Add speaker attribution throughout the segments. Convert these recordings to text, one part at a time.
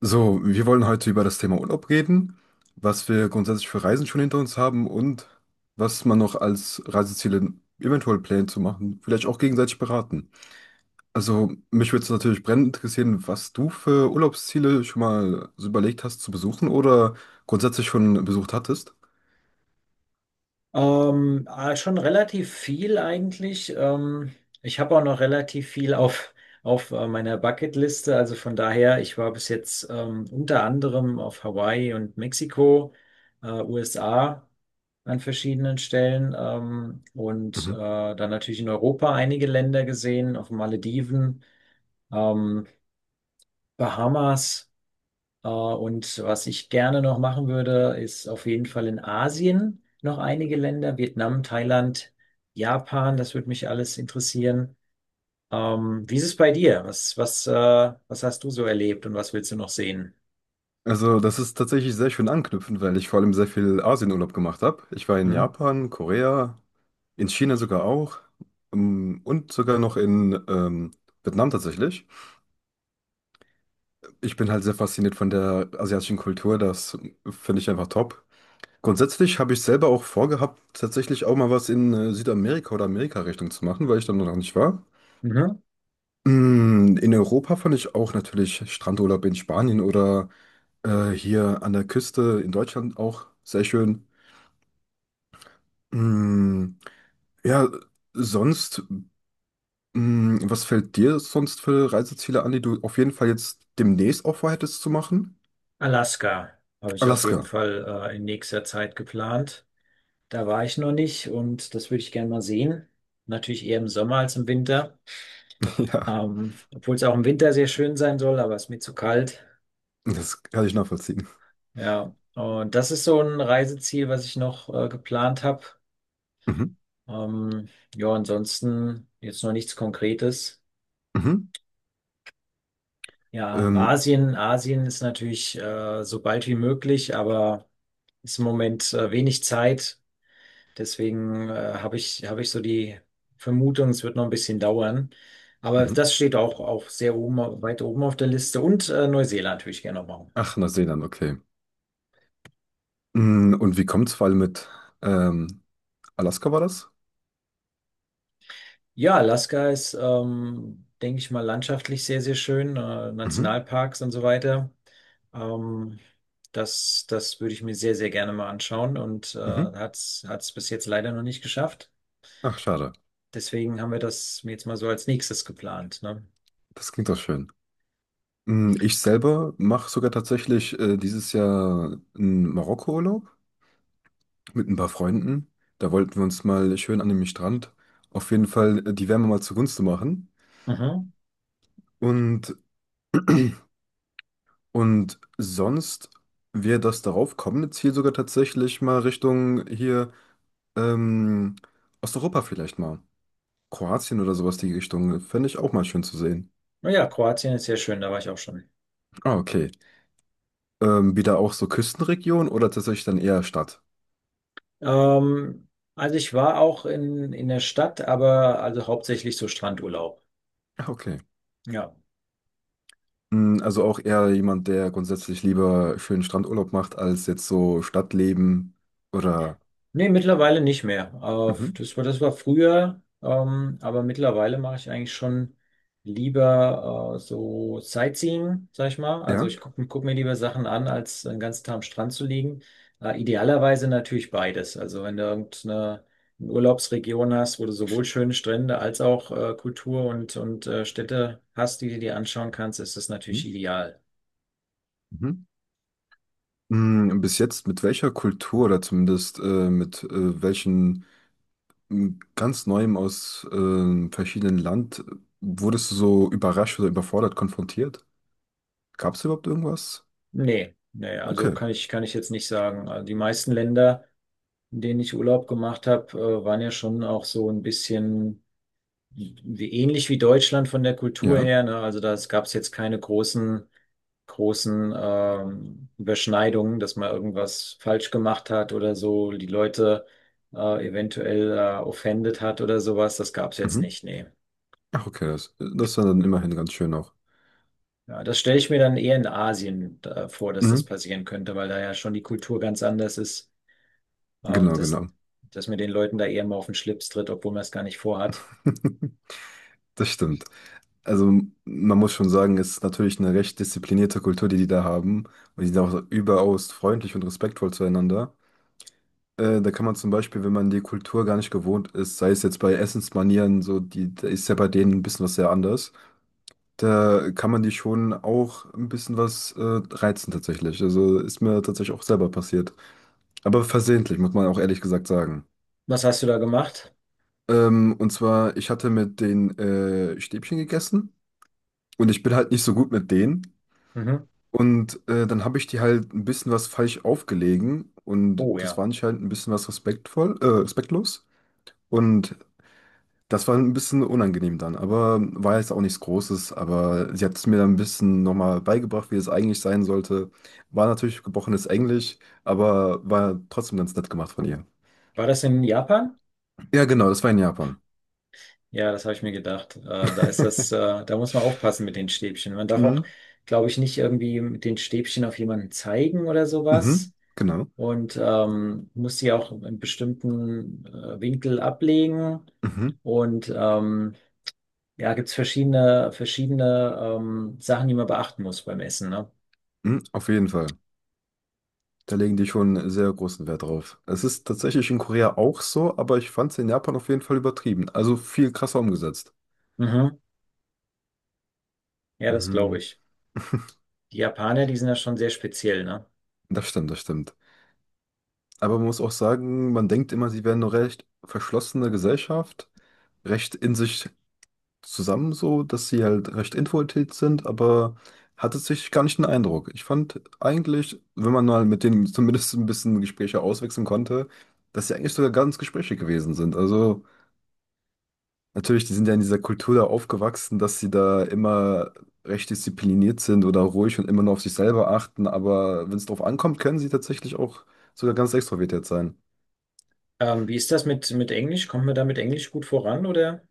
Speaker 1: So, wir wollen heute über das Thema Urlaub reden, was wir grundsätzlich für Reisen schon hinter uns haben und was man noch als Reiseziele eventuell plant zu machen, vielleicht auch gegenseitig beraten. Also, mich würde es natürlich brennend interessieren, was du für Urlaubsziele schon mal so überlegt hast zu besuchen oder grundsätzlich schon besucht hattest.
Speaker 2: Schon relativ viel eigentlich. Ich habe auch noch relativ viel auf meiner Bucketliste. Also von daher, ich war bis jetzt unter anderem auf Hawaii und Mexiko, USA an verschiedenen Stellen und
Speaker 1: Mhm.
Speaker 2: dann natürlich in Europa einige Länder gesehen, auf den Malediven, ähm, Bahamas. Und was ich gerne noch machen würde, ist auf jeden Fall in Asien noch einige Länder, Vietnam, Thailand, Japan, das würde mich alles interessieren. Wie ist es bei dir? Was hast du so erlebt und was willst du noch sehen?
Speaker 1: Also, das ist tatsächlich sehr schön anknüpfend, weil ich vor allem sehr viel Asienurlaub gemacht habe. Ich war in
Speaker 2: Mhm.
Speaker 1: Japan, Korea, in China sogar auch und sogar noch in Vietnam tatsächlich. Ich bin halt sehr fasziniert von der asiatischen Kultur, das finde ich einfach top. Grundsätzlich habe ich selber auch vorgehabt, tatsächlich auch mal was in Südamerika oder Amerika-Richtung zu machen, weil ich da noch nicht war.
Speaker 2: Mhm.
Speaker 1: Mm, In Europa fand ich auch natürlich Strandurlaub in Spanien oder hier an der Küste in Deutschland auch sehr schön. Mm, Ja, sonst. Hm, Was fällt dir sonst für Reiseziele an, die du auf jeden Fall jetzt demnächst auch vorhättest zu machen?
Speaker 2: Alaska habe ich auf jeden
Speaker 1: Alaska.
Speaker 2: Fall in nächster Zeit geplant. Da war ich noch nicht und das würde ich gerne mal sehen. Natürlich eher im Sommer als im Winter,
Speaker 1: Ja,
Speaker 2: obwohl es auch im Winter sehr schön sein soll, aber es ist mir zu kalt.
Speaker 1: das kann ich nachvollziehen.
Speaker 2: Ja, und das ist so ein Reiseziel, was ich noch geplant habe.
Speaker 1: Mhm.
Speaker 2: Ähm, ja, ansonsten jetzt noch nichts Konkretes.
Speaker 1: Mhm.
Speaker 2: Ja,
Speaker 1: Ähm,
Speaker 2: Asien, Asien ist natürlich so bald wie möglich, aber ist im Moment wenig Zeit. Deswegen habe ich so die Vermutung, es wird noch ein bisschen dauern. Aber
Speaker 1: mhm.
Speaker 2: das steht auch sehr oben, weit oben auf der Liste. Und Neuseeland würde ich gerne noch machen.
Speaker 1: Ach, Neuseeland, okay. Hm, Und wie kommt es vor allem mit ähm, Alaska war das?
Speaker 2: Ja, Alaska ist, denke ich mal, landschaftlich sehr schön,
Speaker 1: Mhm.
Speaker 2: Nationalparks und so weiter. Ähm, das würde ich mir sehr gerne mal anschauen und
Speaker 1: Mhm.
Speaker 2: hat's bis jetzt leider noch nicht geschafft.
Speaker 1: Ach, schade.
Speaker 2: Deswegen haben wir das jetzt mal so als nächstes geplant, ne?
Speaker 1: Das klingt doch schön. Hm, Ich selber mache sogar tatsächlich dieses Jahr einen Marokko-Urlaub mit ein paar Freunden. Da wollten wir uns mal schön an dem Strand auf jeden Fall die Wärme mal zugunsten machen.
Speaker 2: Mhm.
Speaker 1: Und, und sonst wäre das darauf kommende Ziel sogar tatsächlich mal Richtung hier ähm, Osteuropa vielleicht mal. Kroatien oder sowas die Richtung, fände ich auch mal schön zu sehen.
Speaker 2: Naja, Kroatien ist sehr schön, da war ich auch schon.
Speaker 1: Ah, okay. Wieder auch so Küstenregion oder tatsächlich dann eher Stadt?
Speaker 2: Ähm, also ich war auch in der Stadt, aber also hauptsächlich so Strandurlaub.
Speaker 1: Ah, okay.
Speaker 2: Ja.
Speaker 1: Hm, Also auch eher jemand, der grundsätzlich lieber schönen Strandurlaub macht, als jetzt so Stadtleben oder...
Speaker 2: Nee, mittlerweile nicht mehr.
Speaker 1: Mhm.
Speaker 2: Das war, das war früher, aber mittlerweile mache ich eigentlich schon lieber so Sightseeing, sag ich mal. Also
Speaker 1: Ja?
Speaker 2: ich guck mir lieber Sachen an, als den ganzen Tag am Strand zu liegen. Idealerweise natürlich beides. Also wenn du irgendeine eine Urlaubsregion hast, wo du sowohl schöne Strände als auch Kultur und Städte hast, die du dir anschauen kannst, ist das
Speaker 1: Mhm.
Speaker 2: natürlich ideal.
Speaker 1: Mhm. Hm, Bis jetzt mit welcher Kultur oder zumindest mit welchen... m, ganz Neuem aus verschiedenen Land, wurdest du so überrascht oder überfordert konfrontiert? Gab es überhaupt irgendwas?
Speaker 2: Nee, nee, also
Speaker 1: Okay,
Speaker 2: kann ich jetzt nicht sagen. Also die meisten Länder. In denen ich Urlaub gemacht habe, waren ja schon auch so ein bisschen ähnlich wie Deutschland von der Kultur
Speaker 1: ja.
Speaker 2: her. Ne? Also da gab es jetzt keine großen Überschneidungen, dass man irgendwas falsch gemacht hat oder so, die Leute eventuell offendet hat oder sowas. Das gab es jetzt
Speaker 1: Mhm.
Speaker 2: nicht, nee.
Speaker 1: Ach, okay, das, das war dann immerhin ganz schön auch.
Speaker 2: Ja, das stelle ich mir dann eher in Asien vor, dass
Speaker 1: Mhm.
Speaker 2: das passieren könnte, weil da ja schon die Kultur ganz anders ist, ähm,
Speaker 1: Genau,
Speaker 2: dass,
Speaker 1: genau.
Speaker 2: dass man den Leuten da eher mal auf den Schlips tritt, obwohl man es gar nicht vorhat.
Speaker 1: Das stimmt. Also man muss schon sagen, es ist natürlich eine recht disziplinierte Kultur, die die da haben. Und die sind auch überaus freundlich und respektvoll zueinander. Da kann man zum Beispiel, wenn man die Kultur gar nicht gewohnt ist, sei es jetzt bei Essensmanieren, so, die, da ist ja bei denen ein bisschen was sehr anders. Da kann man die schon auch ein bisschen was reizen tatsächlich. Also ist mir tatsächlich auch selber passiert. Aber versehentlich, muss man auch ehrlich gesagt sagen.
Speaker 2: Was hast du da gemacht?
Speaker 1: Und zwar, ich hatte mit den Stäbchen gegessen und ich bin halt nicht so gut mit denen.
Speaker 2: Mhm.
Speaker 1: Und dann habe ich die halt ein bisschen was falsch aufgelegen und
Speaker 2: Oh
Speaker 1: das
Speaker 2: ja.
Speaker 1: war anscheinend ein bisschen was respektvoll, respektlos. Und das war ein bisschen unangenehm dann, aber war jetzt auch nichts Großes. Aber sie hat es mir dann ein bisschen nochmal beigebracht, wie es eigentlich sein sollte. War natürlich gebrochenes Englisch, aber war trotzdem ganz nett gemacht von ihr.
Speaker 2: War das in Japan?
Speaker 1: Ja, genau, das war in Japan.
Speaker 2: Ja, das habe ich mir gedacht. Da ist das, da muss man aufpassen mit den Stäbchen. Man darf auch,
Speaker 1: Mhm.
Speaker 2: glaube ich, nicht irgendwie mit den Stäbchen auf jemanden zeigen oder
Speaker 1: Mhm.
Speaker 2: sowas.
Speaker 1: Genau.
Speaker 2: Und muss die auch in einem bestimmten Winkel ablegen.
Speaker 1: Mhm.
Speaker 2: Und ja, gibt es verschiedene Sachen, die man beachten muss beim Essen, ne?
Speaker 1: Mhm. Auf jeden Fall. Da legen die schon sehr großen Wert drauf. Es ist tatsächlich in Korea auch so, aber ich fand es in Japan auf jeden Fall übertrieben. Also viel krasser umgesetzt.
Speaker 2: Mhm. Ja, das glaube
Speaker 1: Mhm.
Speaker 2: ich. Die Japaner, die sind ja schon sehr speziell, ne?
Speaker 1: Das stimmt, das stimmt. Aber man muss auch sagen, man denkt immer, sie wären eine recht verschlossene Gesellschaft, recht in sich zusammen so, dass sie halt recht introvertiert sind, aber hatte sich gar nicht den Eindruck. Ich fand eigentlich, wenn man mal mit denen zumindest ein bisschen Gespräche auswechseln konnte, dass sie eigentlich sogar ganz Gespräche gewesen sind. Also natürlich, die sind ja in dieser Kultur da aufgewachsen, dass sie da immer recht diszipliniert sind oder ruhig und immer nur auf sich selber achten, aber wenn es drauf ankommt, können sie tatsächlich auch sogar ganz extrovertiert sein.
Speaker 2: Wie ist das mit Englisch? Kommt man da mit Englisch gut voran oder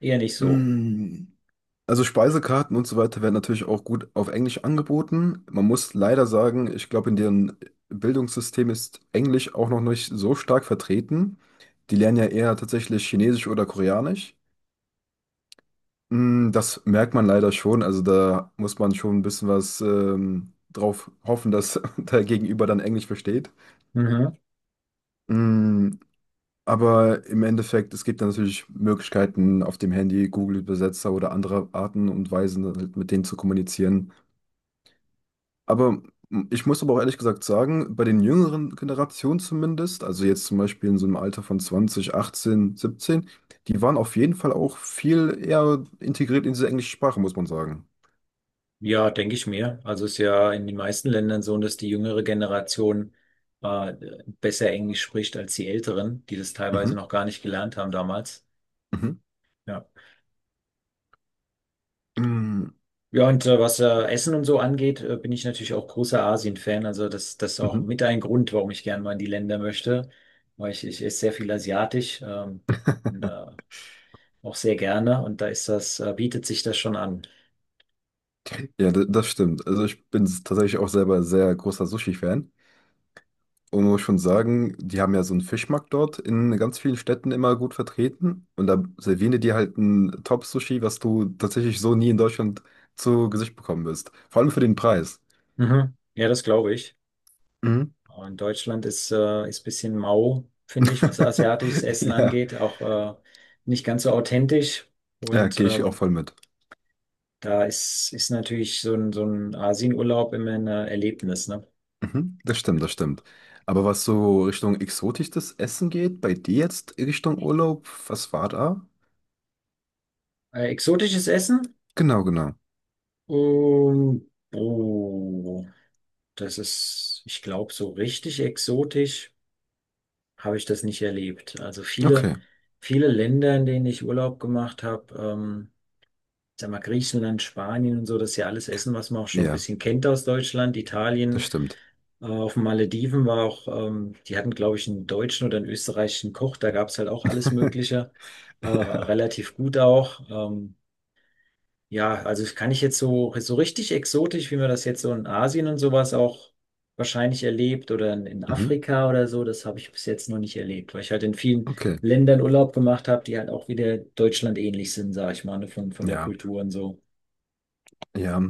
Speaker 2: eher nicht so?
Speaker 1: Mm. Also Speisekarten und so weiter werden natürlich auch gut auf Englisch angeboten. Man muss leider sagen, ich glaube, in deren Bildungssystem ist Englisch auch noch nicht so stark vertreten. Die lernen ja eher tatsächlich Chinesisch oder Koreanisch. Mm, Das merkt man leider schon. Also da muss man schon ein bisschen was drauf hoffen, dass der Gegenüber dann Englisch versteht.
Speaker 2: Mhm.
Speaker 1: Mm, Aber im Endeffekt, es gibt dann natürlich Möglichkeiten auf dem Handy, Google-Übersetzer oder andere Arten und Weisen, halt mit denen zu kommunizieren. Aber ich muss auch ehrlich gesagt sagen, bei den jüngeren Generationen zumindest, also jetzt zum Beispiel in so einem Alter von 20, 18, 17, die waren auf jeden Fall auch viel eher integriert in diese englische Sprache, muss man sagen.
Speaker 2: Ja, denke ich mir. Also ist ja in den meisten Ländern so, dass die jüngere Generation äh, besser Englisch spricht als die Älteren, die das teilweise
Speaker 1: Mhm,
Speaker 2: noch gar nicht gelernt haben damals.
Speaker 1: mhm,
Speaker 2: Ja.
Speaker 1: mm,
Speaker 2: Ja, und was Essen und so angeht, bin ich natürlich auch großer Asien-Fan. Also das, das ist auch
Speaker 1: mhm.
Speaker 2: mit ein Grund, warum ich gerne mal in die Länder möchte, weil ich esse sehr viel asiatisch, und auch sehr gerne und da ist das, bietet sich das schon an.
Speaker 1: Ja, das stimmt. Also ich bin tatsächlich auch selber sehr großer Sushi-Fan. Und man muss schon sagen, die haben ja so einen Fischmarkt dort in ganz vielen Städten immer gut vertreten. Und da servieren die dir halt ein Top-Sushi, was du tatsächlich so nie in Deutschland zu Gesicht bekommen wirst. Vor allem für den Preis.
Speaker 2: Mhm. Ja, das glaube ich.
Speaker 1: Mhm.
Speaker 2: In Deutschland ist ist bisschen mau, finde ich, was asiatisches Essen
Speaker 1: Ja,
Speaker 2: angeht, auch nicht ganz so authentisch.
Speaker 1: ja,
Speaker 2: Und
Speaker 1: gehe ich auch voll mit.
Speaker 2: da ist natürlich so ein Asienurlaub immer ein Erlebnis, ne?
Speaker 1: Mhm. Das stimmt, das stimmt. Aber was so Richtung exotisches Essen geht, bei dir jetzt Richtung Urlaub, was war da?
Speaker 2: Exotisches Essen?
Speaker 1: Genau, genau.
Speaker 2: Um, oh, das ist, ich glaube, so richtig exotisch habe ich das nicht erlebt. Also viele
Speaker 1: Okay,
Speaker 2: viele Länder, in denen ich Urlaub gemacht habe. Sag mal, Griechenland, Spanien und so, das ist ja alles Essen, was man auch schon ein
Speaker 1: ja,
Speaker 2: bisschen kennt aus Deutschland,
Speaker 1: das
Speaker 2: Italien.
Speaker 1: stimmt.
Speaker 2: Auf den Malediven war auch, die hatten, glaube ich, einen deutschen oder einen österreichischen Koch, da gab es halt auch alles Mögliche,
Speaker 1: Ja,
Speaker 2: relativ gut auch. Ja, also das kann ich jetzt so, so richtig exotisch, wie man das jetzt so in Asien und sowas auch wahrscheinlich erlebt oder in
Speaker 1: mhm.
Speaker 2: Afrika oder so, das habe ich bis jetzt noch nicht erlebt, weil ich halt in vielen
Speaker 1: Okay,
Speaker 2: Ländern Urlaub gemacht habe, die halt auch wieder Deutschland ähnlich sind, sage ich mal, ne, von der
Speaker 1: ja,
Speaker 2: Kultur und so.
Speaker 1: ja.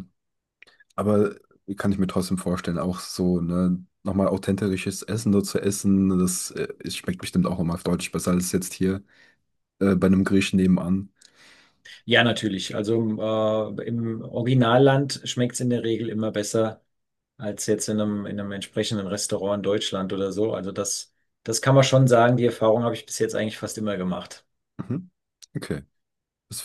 Speaker 1: Aber kann ich mir trotzdem vorstellen, auch so, ne, nochmal authentisches Essen nur zu essen, das es schmeckt bestimmt auch nochmal deutlich besser als jetzt hier bei einem Griechen nebenan.
Speaker 2: Ja, natürlich. Also im Originalland schmeckt es in der Regel immer besser als jetzt in einem entsprechenden Restaurant in Deutschland oder so. Also das, das kann man schon sagen. Die Erfahrung habe ich bis jetzt eigentlich fast immer gemacht.
Speaker 1: Mhm. Okay. Das